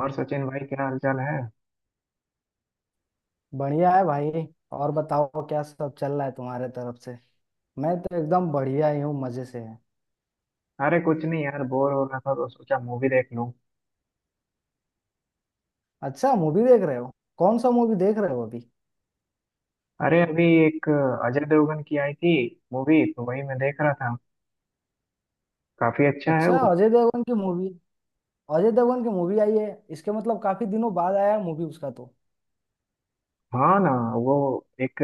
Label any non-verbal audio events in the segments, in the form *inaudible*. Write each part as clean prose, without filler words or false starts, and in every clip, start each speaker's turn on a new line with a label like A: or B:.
A: और सचिन भाई, क्या हालचाल है?
B: बढ़िया है भाई। और बताओ क्या सब चल रहा है तुम्हारे तरफ से। मैं तो एकदम बढ़िया ही हूँ, मजे से है।
A: अरे कुछ नहीं यार, बोर हो रहा था तो सोचा मूवी देख लूं।
B: अच्छा, मूवी देख रहे हो। कौन सा मूवी देख रहे हो अभी।
A: अरे अभी एक अजय देवगन की आई थी, मूवी तो वही मैं देख रहा था। काफी अच्छा है
B: अच्छा,
A: वो।
B: अजय देवगन की मूवी। अजय देवगन की मूवी आई है। इसके मतलब काफी दिनों बाद आया है मूवी उसका तो।
A: हाँ ना, वो एक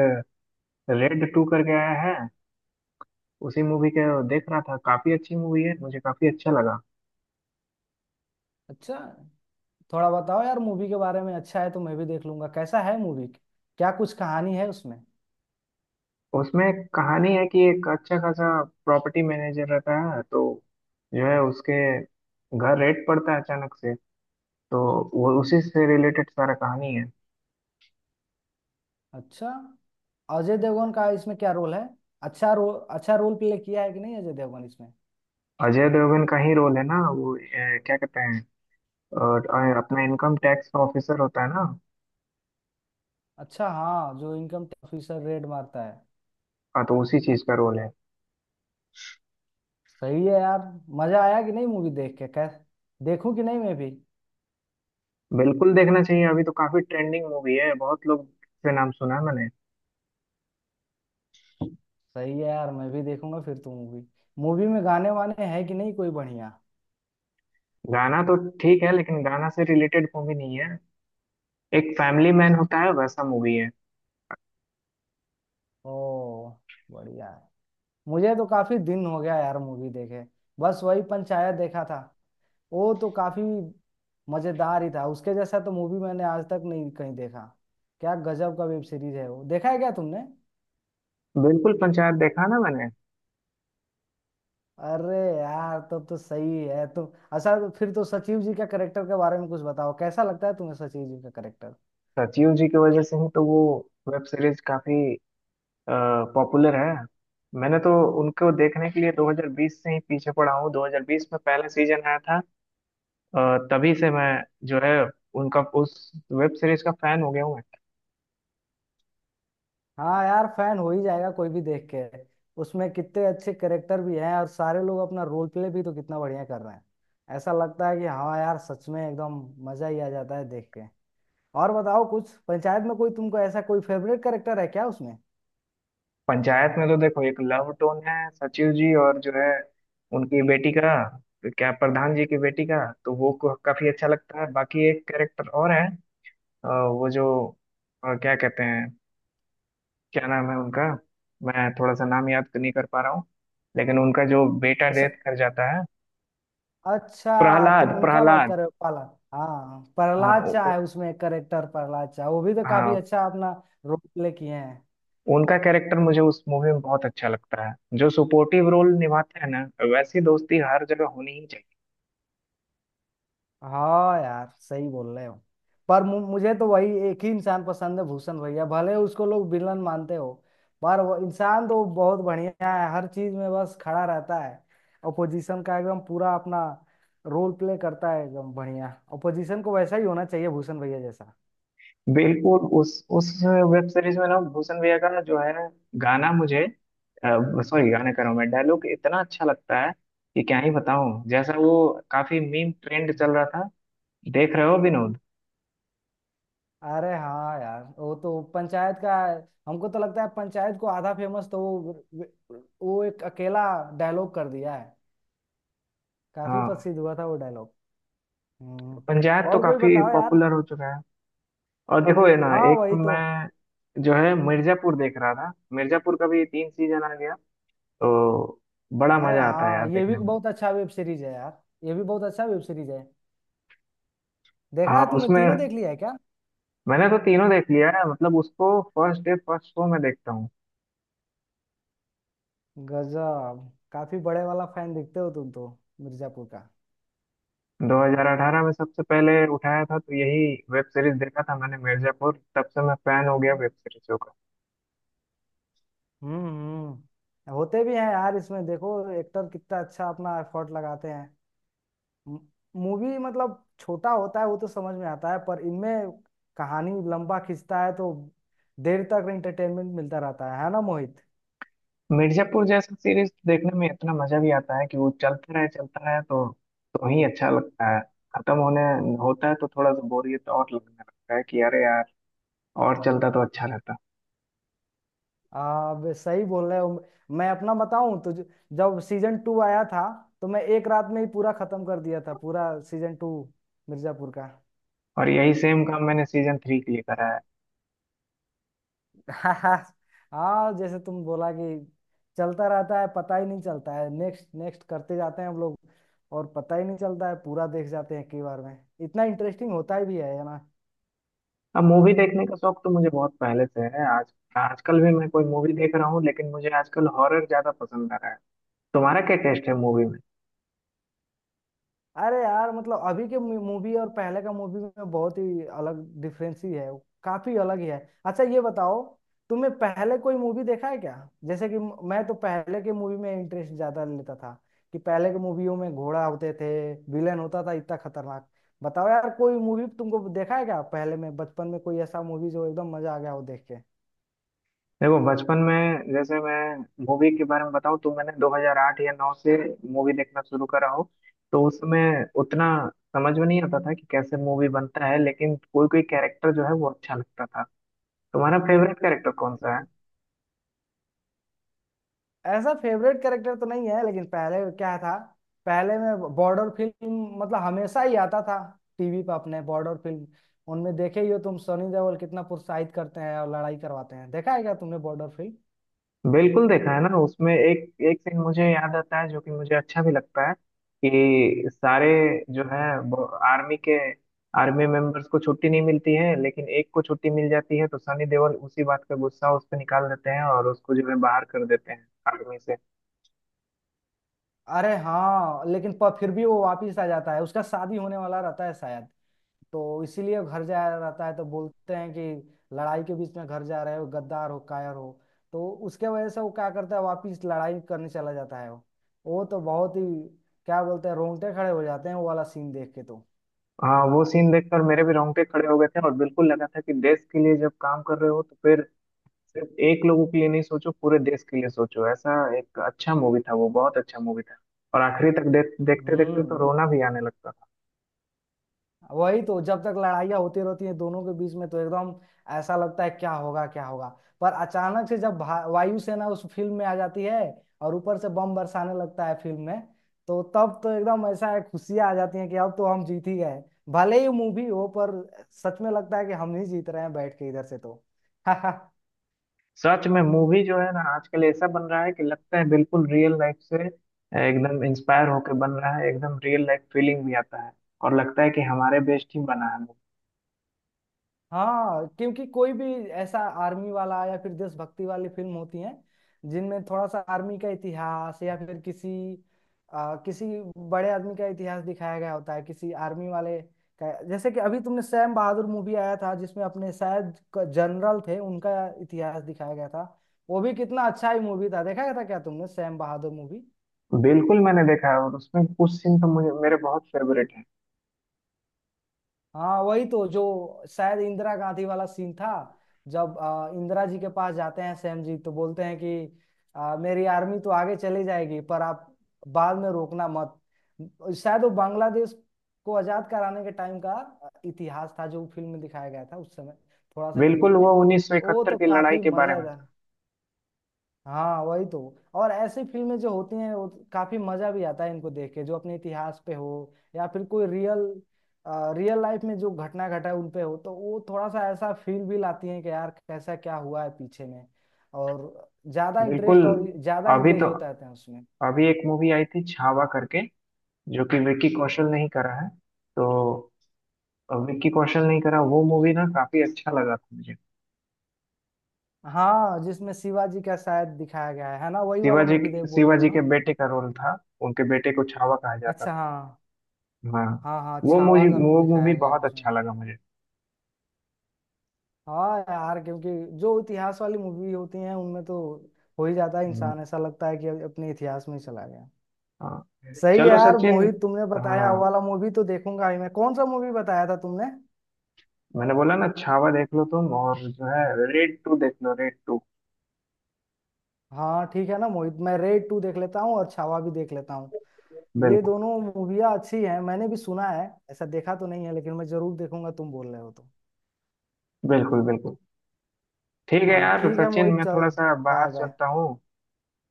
A: रेड टू करके आया है। उसी मूवी के देख रहा था, काफी अच्छी मूवी है, मुझे काफी अच्छा लगा।
B: अच्छा, थोड़ा बताओ यार मूवी के बारे में, अच्छा है तो मैं भी देख लूंगा, कैसा है मूवी। क्या कुछ कहानी है उसमें।
A: उसमें कहानी है कि एक अच्छा खासा प्रॉपर्टी मैनेजर रहता है, तो जो है उसके घर रेड पड़ता है अचानक से। तो वो उसी से रिलेटेड सारा कहानी है।
B: अच्छा, अजय देवगन का इसमें क्या रोल है। अच्छा रोल, अच्छा रोल प्ले किया है कि नहीं अजय देवगन इसमें।
A: अजय देवगन का ही रोल है ना, वो क्या कहते हैं, और अपना इनकम टैक्स ऑफिसर होता है ना।
B: अच्छा, हाँ, जो इनकम टैक्स ऑफिसर रेड मारता है।
A: हाँ तो उसी चीज का रोल है।
B: सही है यार। मजा आया कि नहीं मूवी देख के, कैस, देखूं कि नहीं मैं भी।
A: बिल्कुल देखना चाहिए, अभी तो काफी ट्रेंडिंग मूवी है, बहुत लोग से नाम सुना है मैंने।
B: सही है यार, मैं भी देखूंगा फिर तो मूवी। मूवी में गाने वाने है कि नहीं कोई बढ़िया।
A: गाना तो ठीक है, लेकिन गाना से रिलेटेड मूवी नहीं है, एक फैमिली मैन होता है वैसा मूवी है।
B: ओ, बढ़िया है। मुझे तो काफी दिन हो गया यार मूवी देखे। बस वही पंचायत देखा था। वो तो काफी मजेदार ही था, उसके जैसा तो मूवी मैंने आज तक नहीं कहीं देखा। क्या गजब का वेब सीरीज है वो, देखा है क्या तुमने।
A: बिल्कुल, पंचायत देखा ना मैंने।
B: अरे यार तब तो सही है तो। अच्छा, तो फिर तो सचिव जी का करेक्टर के बारे में कुछ बताओ, कैसा लगता है तुम्हें सचिव जी का करेक्टर।
A: सचिव जी की वजह से ही तो वो वेब सीरीज काफी पॉपुलर है। मैंने तो उनको देखने के लिए 2020 से ही पीछे पड़ा हूँ, 2020 में पहला सीजन आया था। अ, तभी से मैं जो है उनका, उस वेब सीरीज का फैन हो गया हूँ मैं।
B: हाँ यार, फैन हो ही जाएगा कोई भी देख के। उसमें कितने अच्छे करेक्टर भी हैं और सारे लोग अपना रोल प्ले भी तो कितना बढ़िया कर रहे हैं। ऐसा लगता है कि हाँ यार सच में एकदम मजा ही आ जाता है देख के। और बताओ कुछ पंचायत में कोई तुमको ऐसा कोई फेवरेट करेक्टर है क्या उसमें।
A: पंचायत में तो देखो, एक लव टोन है सचिव जी और जो है उनकी बेटी का, क्या प्रधान जी की बेटी का। तो वो काफी अच्छा लगता है। बाकी एक कैरेक्टर और है, वो जो क्या कहते हैं, क्या नाम है उनका, मैं थोड़ा सा नाम याद नहीं कर पा रहा हूँ। लेकिन उनका जो बेटा
B: अच्छा।
A: डेथ कर जाता है।
B: अच्छा,
A: प्रहलाद,
B: तुम उनका बात
A: प्रहलाद।
B: कर रहे हो पाला। हाँ,
A: हाँ,
B: प्रहलाद शाह है उसमें एक करेक्टर, प्रहलाद शाह, वो भी तो काफी
A: हाँ,
B: अच्छा अपना रोल प्ले किए हैं।
A: उनका कैरेक्टर मुझे उस मूवी में बहुत अच्छा लगता है, जो सपोर्टिव रोल निभाते हैं ना। वैसी दोस्ती हर जगह होनी ही चाहिए।
B: हाँ यार सही बोल रहे हो। पर मुझे तो वही एक ही इंसान पसंद है, भूषण भैया, भले उसको लोग विलन मानते हो। पर वो इंसान तो बहुत बढ़िया है, हर चीज में बस खड़ा रहता है। अपोजिशन का एकदम पूरा अपना रोल प्ले करता है एकदम बढ़िया, अपोजिशन को वैसा ही होना चाहिए भूषण भैया जैसा।
A: बिल्कुल उस वेब सीरीज में ना, भूषण भैया का ना, जो है ना गाना मुझे, सॉरी गाना कह रहा हूँ मैं, डायलॉग इतना अच्छा लगता है कि क्या ही बताऊं। जैसा वो काफी मीम ट्रेंड चल रहा था, देख रहे हो विनोद।
B: अरे हाँ यार वो तो पंचायत का, हमको तो लगता है पंचायत को आधा फेमस तो वो एक अकेला डायलॉग कर दिया है। काफी
A: हाँ,
B: प्रसिद्ध हुआ था वो डायलॉग। हम्म।
A: पंचायत तो
B: और कोई
A: काफी
B: बताओ यार।
A: पॉपुलर हो चुका है। और देखो ये ना,
B: हाँ
A: एक तो
B: वही तो।
A: मैं जो है मिर्जापुर देख रहा था, मिर्जापुर का भी तीन सीजन आ गया तो बड़ा
B: अरे
A: मजा आता है
B: हाँ,
A: यार
B: ये भी
A: देखने में।
B: बहुत अच्छा वेब सीरीज है यार, ये भी बहुत अच्छा वेब सीरीज है। देखा
A: हाँ
B: है तुमने,
A: उसमें
B: तीनों देख लिया है क्या।
A: मैंने तो तीनों देख लिया है, मतलब उसको फर्स्ट डे फर्स्ट शो में देखता हूँ।
B: गजब, काफी बड़े वाला फैन दिखते हो तुम तो मिर्जापुर का।
A: 2018 में सबसे पहले उठाया था तो यही वेब सीरीज देखा था मैंने मिर्जापुर, तब से मैं फैन हो गया वेब सीरीजों का।
B: हम्म हम्म। होते भी हैं यार, इसमें देखो एक्टर कितना अच्छा अपना एफर्ट लगाते हैं। मूवी मतलब छोटा होता है वो तो समझ में आता है, पर इनमें कहानी लंबा खींचता है तो देर तक एंटरटेनमेंट मिलता रहता है ना मोहित।
A: मिर्जापुर जैसा सीरीज देखने में इतना मजा भी आता है कि वो चलता रहे चलता रहे, तो ही अच्छा लगता है। खत्म होने होता है तो थोड़ा सा बोरियत और लगने लगता है कि अरे यार, और चलता तो अच्छा रहता।
B: आप सही बोल रहे हो। मैं अपना बताऊं तो जब सीजन टू आया था तो मैं एक रात में ही पूरा खत्म कर दिया था पूरा सीजन टू मिर्जापुर का।
A: और यही सेम काम मैंने सीजन थ्री के लिए करा है।
B: *laughs* हाँ, जैसे तुम बोला कि चलता रहता है, पता ही नहीं चलता है, नेक्स्ट नेक्स्ट करते जाते हैं हम लोग और पता ही नहीं चलता है, पूरा देख जाते हैं कई बार में। इतना इंटरेस्टिंग होता ही भी है ना।
A: अब मूवी देखने का शौक तो मुझे बहुत पहले से है। आज आजकल भी मैं कोई मूवी देख रहा हूँ, लेकिन मुझे आजकल हॉरर ज्यादा पसंद आ रहा है। तुम्हारा क्या टेस्ट है मूवी में?
B: अरे यार मतलब अभी के मूवी और पहले का मूवी में बहुत ही अलग डिफरेंस ही है, काफी अलग ही है। अच्छा ये बताओ, तुमने पहले कोई मूवी देखा है क्या। जैसे कि मैं तो पहले के मूवी में इंटरेस्ट ज्यादा लेता था, कि पहले के मूवियों में घोड़ा होते थे, विलेन होता था इतना खतरनाक। बताओ यार कोई मूवी तुमको देखा है क्या पहले में, बचपन में कोई ऐसा मूवी जो एकदम मजा आ गया हो देख के।
A: देखो बचपन में, जैसे मैं मूवी के बारे में बताऊँ, तो मैंने 2008 या 9 से मूवी देखना शुरू करा हो। तो उसमें उतना समझ में नहीं आता था कि कैसे मूवी बनता है, लेकिन कोई कोई कैरेक्टर जो है वो अच्छा लगता था। तुम्हारा फेवरेट कैरेक्टर कौन सा है?
B: ऐसा फेवरेट कैरेक्टर तो नहीं है, लेकिन पहले क्या था, पहले में बॉर्डर फिल्म मतलब हमेशा ही आता था टीवी पर अपने, बॉर्डर फिल्म उनमें देखे ही हो तुम, सनी देओल कितना प्रोत्साहित करते हैं और लड़ाई करवाते हैं, देखा है क्या तुमने बॉर्डर फिल्म।
A: बिल्कुल देखा है ना, उसमें एक एक सीन मुझे याद आता है जो कि मुझे अच्छा भी लगता है, कि सारे जो है आर्मी के, आर्मी मेंबर्स को छुट्टी नहीं मिलती है, लेकिन एक को छुट्टी मिल जाती है तो सनी देओल उसी बात का गुस्सा उस पर निकाल देते हैं और उसको जो है बाहर कर देते हैं आर्मी से।
B: अरे हाँ, लेकिन पर फिर भी वो वापिस आ जाता है, उसका शादी होने वाला रहता है शायद, तो इसीलिए घर जा रहता है, तो बोलते हैं कि लड़ाई के बीच में घर जा रहे हो, गद्दार हो, कायर हो, तो उसके वजह से वो क्या करता है वापिस लड़ाई करने चला जाता है वो। वो तो बहुत ही क्या बोलते हैं, रोंगटे खड़े हो जाते हैं वो वाला सीन देख के तो।
A: हाँ वो सीन देखकर मेरे भी रोंगटे खड़े हो गए थे, और बिल्कुल लगा था कि देश के लिए जब काम कर रहे हो तो फिर सिर्फ एक लोगों के लिए नहीं सोचो, पूरे देश के लिए सोचो। ऐसा एक अच्छा मूवी था वो, बहुत अच्छा मूवी था। और आखिरी तक देखते देखते तो
B: हम्म।
A: रोना भी आने लगता था।
B: वही तो, जब तक लड़ाइयाँ होती रहती हैं दोनों के बीच में तो एकदम ऐसा लगता है क्या होगा क्या होगा। पर अचानक से जब वायुसेना उस फिल्म में आ जाती है और ऊपर से बम बरसाने लगता है फिल्म में, तो तब तो एकदम ऐसा है खुशियाँ आ जाती हैं कि अब तो हम जीत ही गए। भले ही मूवी हो पर सच में लगता है कि हम ही जीत रहे हैं बैठ के इधर से तो। *laughs*
A: सच में मूवी जो है ना आजकल ऐसा बन रहा है कि लगता है बिल्कुल रियल लाइफ से एकदम इंस्पायर होके बन रहा है, एकदम रियल लाइफ फीलिंग भी आता है। और लगता है कि हमारे बेस्ट ही बना है movie।
B: हाँ, क्योंकि कोई भी ऐसा आर्मी वाला या फिर देशभक्ति वाली फिल्म होती है जिनमें थोड़ा सा आर्मी का इतिहास या फिर किसी किसी बड़े आदमी का इतिहास दिखाया गया होता है, किसी आर्मी वाले का। जैसे कि अभी तुमने सैम बहादुर मूवी आया था जिसमें अपने शायद जनरल थे उनका इतिहास दिखाया गया था। वो भी कितना अच्छा ही मूवी था, देखा गया था क्या तुमने सैम बहादुर मूवी।
A: बिल्कुल, मैंने देखा है, और उसमें कुछ सीन तो मुझे मेरे बहुत फेवरेट है।
B: हाँ वही तो, जो शायद इंदिरा गांधी वाला सीन था जब इंदिरा जी के पास जाते हैं सैम जी तो बोलते हैं कि मेरी आर्मी तो आगे चली जाएगी पर आप बाद में रोकना मत। शायद वो बांग्लादेश को आजाद कराने के टाइम का इतिहास था जो फिल्म में दिखाया गया था उस समय थोड़ा सा क्लिप
A: बिल्कुल
B: में।
A: वो
B: वो
A: 1971
B: तो
A: की लड़ाई
B: काफी
A: के बारे में था।
B: मजेदार। हाँ वही तो। और ऐसी फिल्में जो होती हैं वो काफी मजा भी आता है इनको देख के, जो अपने इतिहास पे हो या फिर कोई रियल, रियल लाइफ में जो घटना घटा है उन पे हो, तो वो थोड़ा सा ऐसा फील भी लाती है कि यार कैसा क्या हुआ है पीछे में, और ज्यादा
A: बिल्कुल,
B: इंटरेस्ट और ज्यादा
A: अभी
B: इंगेज
A: तो
B: होता रहते हैं उसमें।
A: अभी एक मूवी आई थी छावा करके, जो कि विक्की कौशल ने ही करा है, तो विक्की कौशल ने ही करा वो मूवी ना, काफी अच्छा लगा था मुझे।
B: हाँ, जिसमें शिवाजी का शायद दिखाया गया है ना, वही वाला
A: शिवाजी,
B: मूवी देख बोल रहे हो
A: शिवाजी के
B: ना।
A: बेटे का रोल था, उनके बेटे को छावा कहा जाता
B: अच्छा,
A: था।
B: हाँ।
A: हाँ।
B: हाँ हाँ,
A: वो
B: छावा
A: मुझे
B: का रोल
A: वो मूवी
B: दिखाया गया है
A: बहुत
B: उसमें।
A: अच्छा लगा मुझे।
B: हाँ यार क्योंकि जो इतिहास वाली मूवी होती हैं उनमें तो हो ही जाता है
A: हम्म,
B: इंसान, ऐसा लगता है कि अब अपने इतिहास में ही चला गया।
A: हाँ।
B: सही है
A: चलो
B: यार
A: सचिन,
B: मोहित, तुमने बताया वो
A: हाँ,
B: वाला मूवी तो देखूंगा ही मैं, कौन सा मूवी बताया था तुमने।
A: मैंने बोला ना छावा देख लो तुम, और जो है रेड टू देख लो, रेड टू।
B: हाँ ठीक है ना मोहित, मैं रेड टू देख लेता हूँ और छावा भी देख लेता हूँ। ये
A: बिल्कुल,
B: दोनों मूवियाँ अच्छी हैं मैंने भी सुना है, ऐसा देखा तो नहीं है लेकिन मैं जरूर देखूंगा तुम बोल रहे हो तो।
A: बिल्कुल, बिल्कुल। ठीक है
B: हाँ
A: यार
B: ठीक है
A: सचिन,
B: मोहित
A: मैं थोड़ा
B: चल,
A: सा बाहर
B: बाय बाय।
A: चलता हूँ।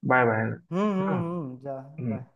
A: Bye bye. हाँ।
B: जा,
A: हम्म।
B: बाय।